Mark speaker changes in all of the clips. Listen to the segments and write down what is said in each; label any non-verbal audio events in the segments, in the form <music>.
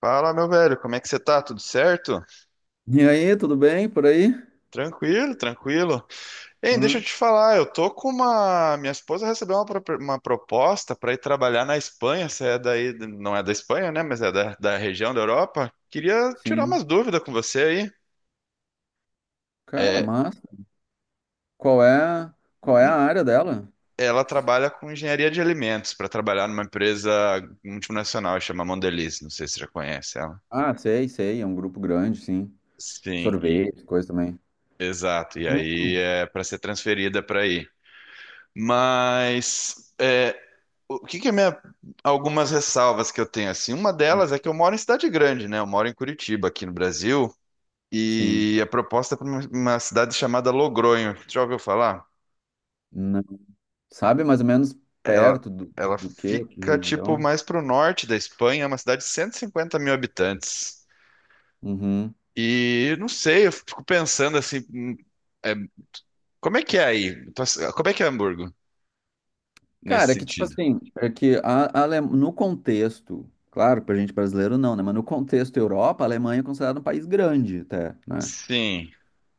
Speaker 1: Fala, meu velho, como é que você tá? Tudo certo?
Speaker 2: E aí, tudo bem por aí?
Speaker 1: Tranquilo, tranquilo. Hein, deixa
Speaker 2: Ah,
Speaker 1: eu te falar, eu tô com uma. Minha esposa recebeu uma proposta para ir trabalhar na Espanha. Você é daí, não é da Espanha, né? Mas é da região da Europa. Queria tirar
Speaker 2: sim.
Speaker 1: umas dúvidas com você aí.
Speaker 2: Cara,
Speaker 1: É,
Speaker 2: massa. Qual é, qual é a área dela?
Speaker 1: ela trabalha com engenharia de alimentos para trabalhar numa empresa multinacional, chama Mondelez. Não sei se você já conhece ela.
Speaker 2: Ah, sei, sei, é um grupo grande, sim.
Speaker 1: Sim,
Speaker 2: Sorvete, coisa também.
Speaker 1: exato. E aí
Speaker 2: Hum,
Speaker 1: é para ser transferida para aí. Mas é. O que que é minha, algumas ressalvas que eu tenho assim? Uma delas é que eu moro em cidade grande, né? Eu moro em Curitiba, aqui no Brasil,
Speaker 2: sim.
Speaker 1: e a proposta é para uma cidade chamada Logronho. Já ouviu falar?
Speaker 2: Não. Sabe mais ou menos
Speaker 1: Ela,
Speaker 2: perto do,
Speaker 1: ela
Speaker 2: do quê? Que
Speaker 1: fica tipo
Speaker 2: região?
Speaker 1: mais para o norte da Espanha, é uma cidade de 150 mil habitantes.
Speaker 2: Uhum.
Speaker 1: E eu não sei, eu fico pensando assim, é, como é que é aí? Como é que é Hamburgo nesse
Speaker 2: Cara, é que tipo
Speaker 1: sentido?
Speaker 2: assim, é que a Ale- no contexto, claro, pra gente brasileiro não, né? Mas no contexto Europa, a Alemanha é considerada um país grande até, né?
Speaker 1: Sim,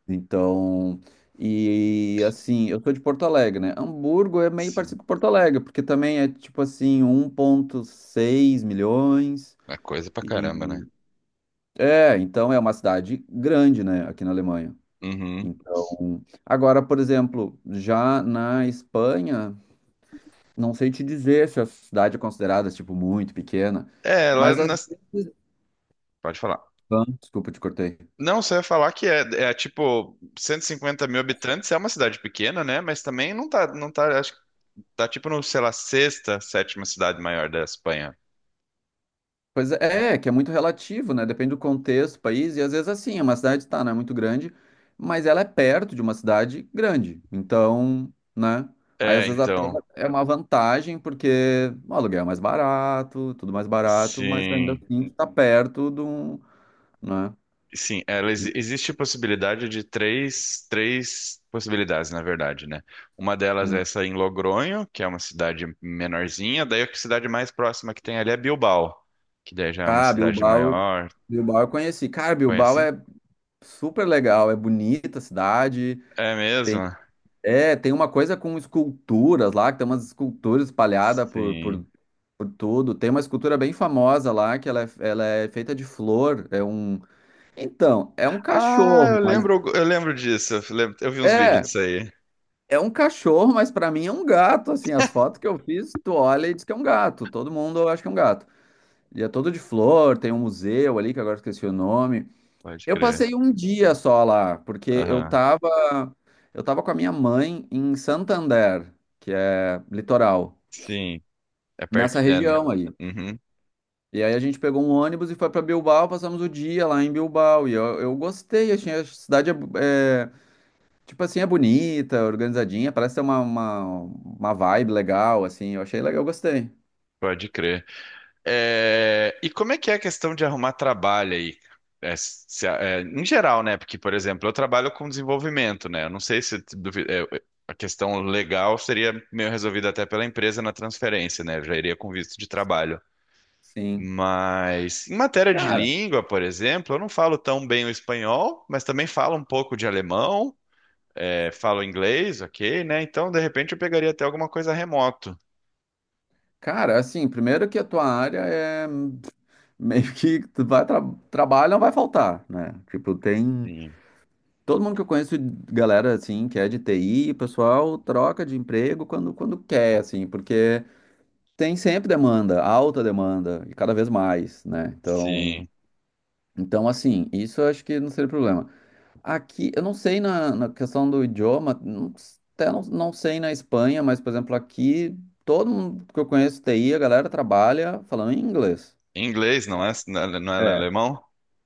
Speaker 2: Então, e assim, eu tô de Porto Alegre, né? Hamburgo é meio
Speaker 1: sim.
Speaker 2: parecido com Porto Alegre, porque também é tipo assim, 1,6 milhões.
Speaker 1: É coisa pra caramba, né?
Speaker 2: E é, então é uma cidade grande, né, aqui na Alemanha.
Speaker 1: Uhum.
Speaker 2: Então, agora, por exemplo, já na Espanha, não sei te dizer se a cidade é considerada tipo muito pequena,
Speaker 1: É, ela
Speaker 2: mas às
Speaker 1: nas,
Speaker 2: vezes,
Speaker 1: pode falar.
Speaker 2: ah, desculpa, te cortei.
Speaker 1: Não, você ia falar que é tipo 150 mil habitantes, é uma cidade pequena, né? Mas também não tá, acho que tá tipo no, sei lá, sexta, sétima cidade maior da Espanha.
Speaker 2: Pois é, que é muito relativo, né? Depende do contexto, país, e às vezes assim, é uma cidade tá, não é muito grande, mas ela é perto de uma cidade grande. Então, né? Aí às
Speaker 1: É,
Speaker 2: vezes até
Speaker 1: então,
Speaker 2: é uma vantagem, porque o aluguel é mais barato, tudo mais barato, mas ainda
Speaker 1: sim,
Speaker 2: assim tá perto de um, né?
Speaker 1: sim, existe possibilidade de três, possibilidades, na verdade, né? Uma delas é
Speaker 2: Hum.
Speaker 1: essa em Logronho, que é uma cidade menorzinha, daí a cidade mais próxima que tem ali é Bilbao, que daí já é uma
Speaker 2: Ah,
Speaker 1: cidade
Speaker 2: Bilbao,
Speaker 1: maior,
Speaker 2: Bilbao eu conheci. Cara, Bilbao
Speaker 1: conhece?
Speaker 2: é super legal, é bonita a cidade,
Speaker 1: É
Speaker 2: tem
Speaker 1: mesmo?
Speaker 2: tem uma coisa com esculturas lá, que tem umas esculturas espalhadas por,
Speaker 1: Sim.
Speaker 2: por Por tudo. Tem uma escultura bem famosa lá, que ela é feita de flor. Então, é um
Speaker 1: Ah,
Speaker 2: cachorro,
Speaker 1: eu
Speaker 2: mas.
Speaker 1: lembro, eu lembro disso. Eu vi uns vídeos
Speaker 2: É,
Speaker 1: disso aí.
Speaker 2: é um cachorro, mas pra mim é um gato. Assim, as fotos que eu fiz, tu olha e diz que é um gato. Todo mundo acha que é um gato. E é todo de flor, tem um museu ali, que agora eu esqueci o nome.
Speaker 1: Pode
Speaker 2: Eu
Speaker 1: crer.
Speaker 2: passei um dia só lá, porque eu
Speaker 1: Aham.
Speaker 2: tava. Eu tava com a minha mãe em Santander, que é litoral,
Speaker 1: Sim. É perto.
Speaker 2: nessa região aí.
Speaker 1: Uhum.
Speaker 2: E aí a gente pegou um ônibus e foi pra Bilbao, passamos o dia lá em Bilbao. E eu gostei, achei a cidade tipo assim, é bonita, organizadinha, parece ter uma vibe legal, assim. Eu achei legal, eu gostei.
Speaker 1: Pode crer. É, e como é que é a questão de arrumar trabalho aí? É, é, em geral, né? Porque, por exemplo, eu trabalho com desenvolvimento, né? Eu não sei se é, a questão legal seria meio resolvida até pela empresa na transferência, né? Eu já iria com visto de trabalho.
Speaker 2: Sim.
Speaker 1: Mas em matéria de
Speaker 2: Cara,
Speaker 1: língua, por exemplo, eu não falo tão bem o espanhol, mas também falo um pouco de alemão, falo inglês, ok, né? Então, de repente, eu pegaria até alguma coisa remoto.
Speaker 2: cara, assim, primeiro que a tua área é meio que tu vai tra trabalho não vai faltar, né? Tipo, tem
Speaker 1: Sim,
Speaker 2: todo mundo que eu conheço, galera assim, que é de TI, o pessoal troca de emprego quando quer, assim, porque tem sempre demanda, alta demanda, e cada vez mais, né? Então,
Speaker 1: sim.
Speaker 2: então assim, isso eu acho que não seria problema. Aqui, eu não sei na questão do idioma, até não sei na Espanha, mas, por exemplo, aqui, todo mundo que eu conheço TI, a galera trabalha falando inglês.
Speaker 1: Em inglês, não é?
Speaker 2: Sabe?
Speaker 1: Não é
Speaker 2: É.
Speaker 1: alemão?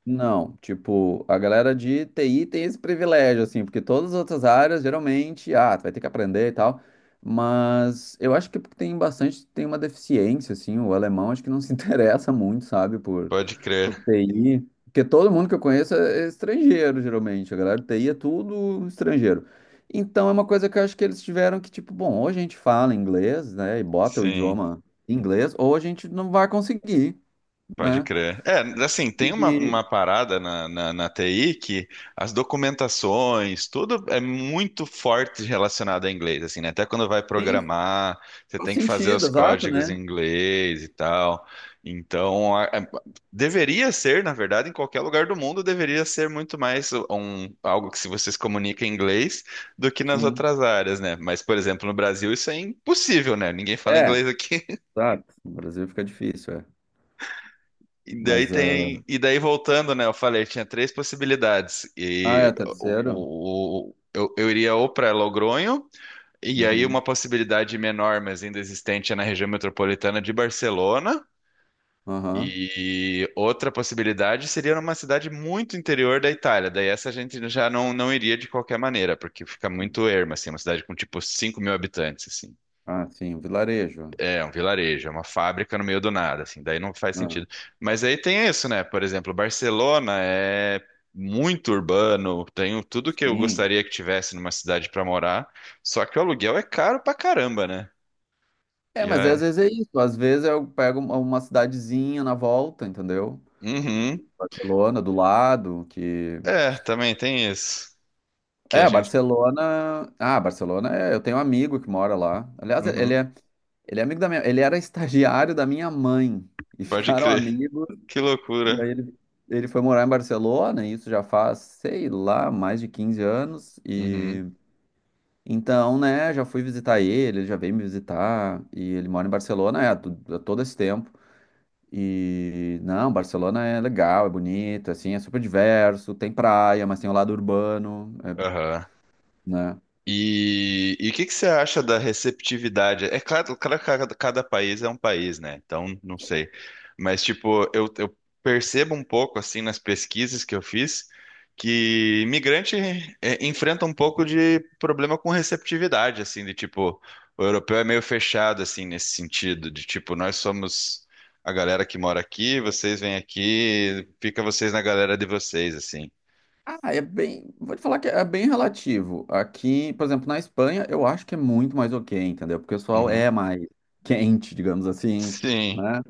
Speaker 2: Não, tipo, a galera de TI tem esse privilégio, assim, porque todas as outras áreas, geralmente, tu vai ter que aprender e tal, mas eu acho que tem bastante, tem uma deficiência, assim, o alemão acho que não se <laughs> interessa muito, sabe, por,
Speaker 1: Pode
Speaker 2: por
Speaker 1: crer.
Speaker 2: TI, porque todo mundo que eu conheço é estrangeiro, geralmente, a galera de TI é tudo estrangeiro. Então é uma coisa que eu acho que eles tiveram que, tipo, bom, ou a gente fala inglês, né, e bota o
Speaker 1: Sim.
Speaker 2: idioma em inglês, ou a gente não vai conseguir,
Speaker 1: Pode
Speaker 2: né?
Speaker 1: crer. É, assim, tem uma,
Speaker 2: E,
Speaker 1: uma parada na TI, que as documentações, tudo é muito forte relacionado a inglês, assim, né? Até quando vai
Speaker 2: sim,
Speaker 1: programar, você
Speaker 2: faz
Speaker 1: tem que fazer os
Speaker 2: sentido, exato,
Speaker 1: códigos
Speaker 2: né?
Speaker 1: em inglês e tal. Então, deveria ser, na verdade, em qualquer lugar do mundo, deveria ser muito mais um, algo que se você se comunica em inglês do que nas
Speaker 2: Sim.
Speaker 1: outras áreas, né? Mas, por exemplo, no Brasil isso é impossível, né? Ninguém fala
Speaker 2: É,
Speaker 1: inglês aqui.
Speaker 2: exato. No Brasil fica difícil, é.
Speaker 1: E daí
Speaker 2: Mas,
Speaker 1: tem, e daí voltando, né? Eu falei, tinha três possibilidades.
Speaker 2: é
Speaker 1: E o,
Speaker 2: terceiro?
Speaker 1: o- o- eu, eu iria ou para Logronho, e aí uma
Speaker 2: Uhum.
Speaker 1: possibilidade menor, mas ainda existente, é na região metropolitana de Barcelona.
Speaker 2: Aham.
Speaker 1: E outra possibilidade seria numa cidade muito interior da Itália. Daí essa a gente já não iria de qualquer maneira, porque fica muito erma, assim, uma cidade com tipo 5 mil habitantes, assim.
Speaker 2: Ah, sim, o vilarejo.
Speaker 1: É, um vilarejo, é uma fábrica no meio do nada, assim, daí não faz
Speaker 2: Ah,
Speaker 1: sentido. Mas aí tem isso, né? Por exemplo, Barcelona é muito urbano, tenho tudo que eu
Speaker 2: sim.
Speaker 1: gostaria que tivesse numa cidade pra morar, só que o aluguel é caro pra caramba, né?
Speaker 2: É,
Speaker 1: E
Speaker 2: mas às
Speaker 1: é.
Speaker 2: vezes é isso. Às vezes eu pego uma cidadezinha na volta, entendeu?
Speaker 1: Uhum.
Speaker 2: Barcelona, do lado, que...
Speaker 1: É, também tem isso. Que a
Speaker 2: É,
Speaker 1: gente.
Speaker 2: Barcelona... Ah, Barcelona, é... eu tenho um amigo que mora lá. Aliás, ele
Speaker 1: Uhum.
Speaker 2: é, ele é amigo da minha... Ele era estagiário da minha mãe. E
Speaker 1: Pode
Speaker 2: ficaram
Speaker 1: crer.
Speaker 2: amigos.
Speaker 1: Que
Speaker 2: E
Speaker 1: loucura.
Speaker 2: aí ele foi morar em Barcelona, e isso já faz, sei lá, mais de 15 anos.
Speaker 1: Uhum.
Speaker 2: E então, né, já fui visitar ele, ele já veio me visitar, e ele mora em Barcelona, é, há todo esse tempo. E não, Barcelona é legal, é bonito, assim, é super diverso, tem praia, mas tem o lado urbano, é,
Speaker 1: Aham.
Speaker 2: né?
Speaker 1: E o que que você acha da receptividade? É claro, claro que cada país é um país, né? Então, não sei. Mas, tipo, eu percebo um pouco, assim, nas pesquisas que eu fiz, que imigrante é, enfrenta um pouco de problema com receptividade, assim, de tipo, o europeu é meio fechado, assim, nesse sentido, de tipo, nós somos a galera que mora aqui, vocês vêm aqui, fica vocês na galera de vocês, assim.
Speaker 2: Ah, é bem, vou te falar que é bem relativo. Aqui, por exemplo, na Espanha, eu acho que é muito mais ok, entendeu? Porque o pessoal
Speaker 1: Uhum.
Speaker 2: é mais quente, digamos assim,
Speaker 1: Sim.
Speaker 2: né?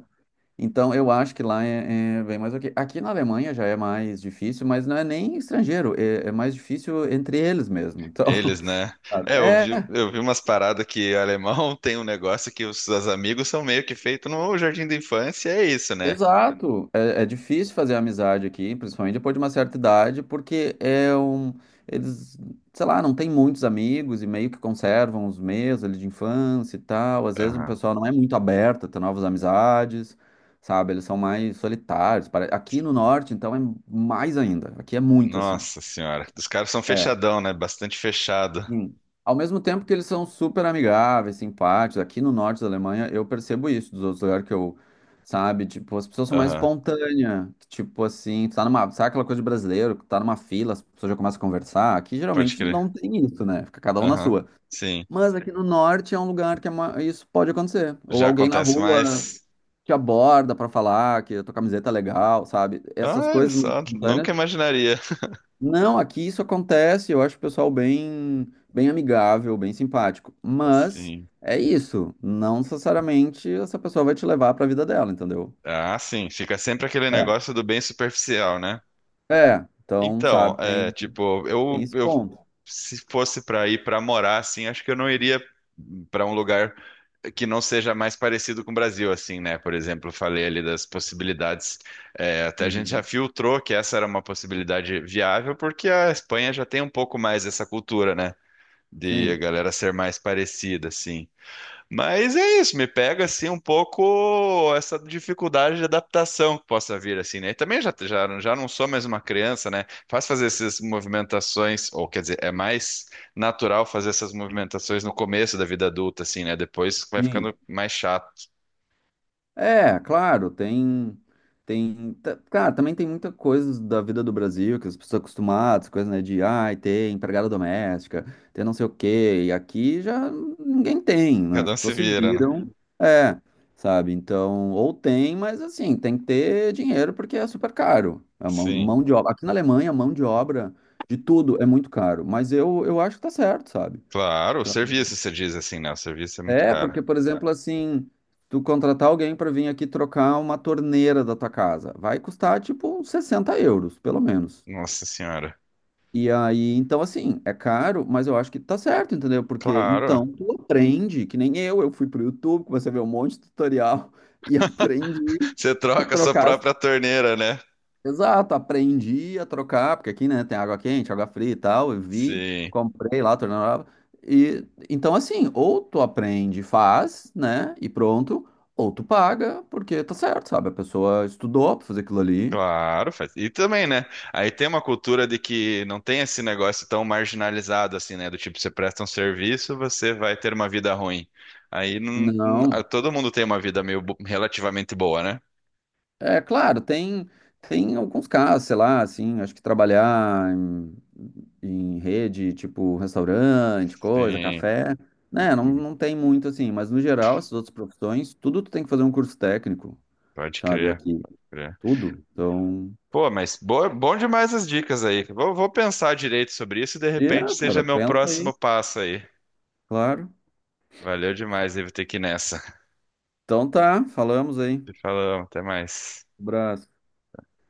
Speaker 2: Então, eu acho que lá é bem mais ok. Aqui na Alemanha já é mais difícil, mas não é nem estrangeiro, é mais difícil entre eles mesmo. Então,
Speaker 1: Eles,
Speaker 2: <laughs>
Speaker 1: né?
Speaker 2: claro.
Speaker 1: É, eu
Speaker 2: É,
Speaker 1: vi, eu vi umas paradas que alemão <laughs> tem um negócio que os amigos são meio que feito no jardim da infância, é isso, né?
Speaker 2: exato. É difícil fazer amizade aqui, principalmente depois de uma certa idade, porque eles, sei lá, não tem muitos amigos e meio que conservam os meus ali de infância e tal. Às vezes o
Speaker 1: Aham.
Speaker 2: pessoal não é muito aberto a ter novas amizades, sabe? Eles são mais solitários. Aqui no norte, então, é mais ainda. Aqui é muito assim.
Speaker 1: Nossa senhora. Os caras são
Speaker 2: É.
Speaker 1: fechadão, né? Bastante fechado.
Speaker 2: Sim. Ao mesmo tempo que eles são super amigáveis, simpáticos, aqui no norte da Alemanha, eu percebo isso dos outros lugares que eu, sabe, tipo, as pessoas são mais
Speaker 1: Aham.
Speaker 2: espontâneas, que, tipo assim, tu tá numa, sabe aquela coisa de brasileiro, que tá numa fila, as pessoas já começam a conversar, aqui
Speaker 1: Pode
Speaker 2: geralmente
Speaker 1: crer.
Speaker 2: não tem isso, né, fica cada um na
Speaker 1: Aham.
Speaker 2: sua.
Speaker 1: Sim.
Speaker 2: Mas aqui no norte é um lugar que isso pode acontecer, ou
Speaker 1: Já
Speaker 2: alguém na
Speaker 1: acontece
Speaker 2: rua
Speaker 1: mais.
Speaker 2: te aborda pra falar que a tua camiseta é legal, sabe, essas
Speaker 1: Olha
Speaker 2: coisas mais
Speaker 1: só,
Speaker 2: espontâneas
Speaker 1: nunca imaginaria. <laughs>
Speaker 2: não, aqui isso acontece, eu acho o pessoal bem, bem amigável, bem simpático. Mas
Speaker 1: Sim.
Speaker 2: é isso, não necessariamente essa pessoa vai te levar para a vida dela, entendeu?
Speaker 1: Ah, sim. Fica sempre aquele
Speaker 2: É.
Speaker 1: negócio do bem superficial, né?
Speaker 2: É, então,
Speaker 1: Então,
Speaker 2: sabe,
Speaker 1: é,
Speaker 2: tem,
Speaker 1: tipo,
Speaker 2: tem
Speaker 1: eu,
Speaker 2: esse
Speaker 1: eu
Speaker 2: ponto.
Speaker 1: se fosse pra ir pra morar, assim, acho que eu não iria pra um lugar que não seja mais parecido com o Brasil, assim, né? Por exemplo, eu falei ali das possibilidades. É, até a gente já
Speaker 2: Uhum.
Speaker 1: filtrou que essa era uma possibilidade viável, porque a Espanha já tem um pouco mais dessa cultura, né? De a
Speaker 2: Sim,
Speaker 1: galera ser mais parecida, assim. Mas é isso, me pega assim um pouco essa dificuldade de adaptação que possa vir assim, né? E também já não sou mais uma criança, né? Fazer essas movimentações, ou quer dizer, é mais natural fazer essas movimentações no começo da vida adulta, assim, né? Depois vai
Speaker 2: sim.
Speaker 1: ficando mais chato.
Speaker 2: É, claro, cara, também tem muita coisa da vida do Brasil que as pessoas estão acostumadas, coisa, né, de, ai, ter empregada doméstica, ter não sei o quê, e aqui já ninguém tem, né,
Speaker 1: Cada
Speaker 2: as
Speaker 1: um se
Speaker 2: pessoas se
Speaker 1: vira, né?
Speaker 2: viram, é, sabe, então, ou tem, mas assim, tem que ter dinheiro porque é super caro, a
Speaker 1: Sim.
Speaker 2: mão de obra, aqui na Alemanha, a mão de obra de tudo é muito caro, mas eu acho que tá certo, sabe,
Speaker 1: Claro, o
Speaker 2: então,
Speaker 1: serviço, você diz assim, né? O serviço é muito
Speaker 2: é,
Speaker 1: caro.
Speaker 2: porque, por exemplo, assim, tu contratar alguém para vir aqui trocar uma torneira da tua casa, vai custar tipo uns 60 euros, pelo menos.
Speaker 1: Nossa senhora.
Speaker 2: E aí, então, assim, é caro, mas eu acho que tá certo, entendeu? Porque
Speaker 1: Claro.
Speaker 2: então tu aprende, que nem eu fui pro YouTube, comecei a ver um monte de tutorial <laughs> e aprendi
Speaker 1: Você
Speaker 2: a
Speaker 1: troca a sua
Speaker 2: trocar.
Speaker 1: própria torneira, né?
Speaker 2: Exato, aprendi a trocar, porque aqui, né, tem água quente, água fria e tal, eu vi,
Speaker 1: Sim.
Speaker 2: comprei lá, torneira, e então assim, ou tu aprende, faz, né, e pronto, ou tu paga, porque tá certo, sabe, a pessoa estudou pra fazer aquilo ali.
Speaker 1: Claro, faz. E também, né? Aí tem uma cultura de que não tem esse negócio tão marginalizado assim, né? Do tipo, você presta um serviço, você vai ter uma vida ruim. Aí ah,
Speaker 2: Não,
Speaker 1: todo mundo tem uma vida meio relativamente boa, né?
Speaker 2: é claro, tem alguns casos, sei lá, assim, acho que trabalhar em rede, tipo restaurante, coisa,
Speaker 1: Sim,
Speaker 2: café, né, não,
Speaker 1: hum,
Speaker 2: não tem muito assim, mas no geral, essas outras profissões, tudo tu tem que fazer um curso técnico.
Speaker 1: pode
Speaker 2: Sabe?
Speaker 1: crer,
Speaker 2: Aqui,
Speaker 1: crer.
Speaker 2: tudo. Então,
Speaker 1: Pô, mas boa, bom demais as dicas aí. Vou pensar direito sobre isso e de repente
Speaker 2: é,
Speaker 1: seja
Speaker 2: cara,
Speaker 1: meu
Speaker 2: pensa
Speaker 1: próximo
Speaker 2: aí,
Speaker 1: passo aí.
Speaker 2: claro.
Speaker 1: Valeu demais, devo ter que ir nessa. <laughs>
Speaker 2: Então tá, falamos aí.
Speaker 1: Te falamos, até mais.
Speaker 2: Abraço.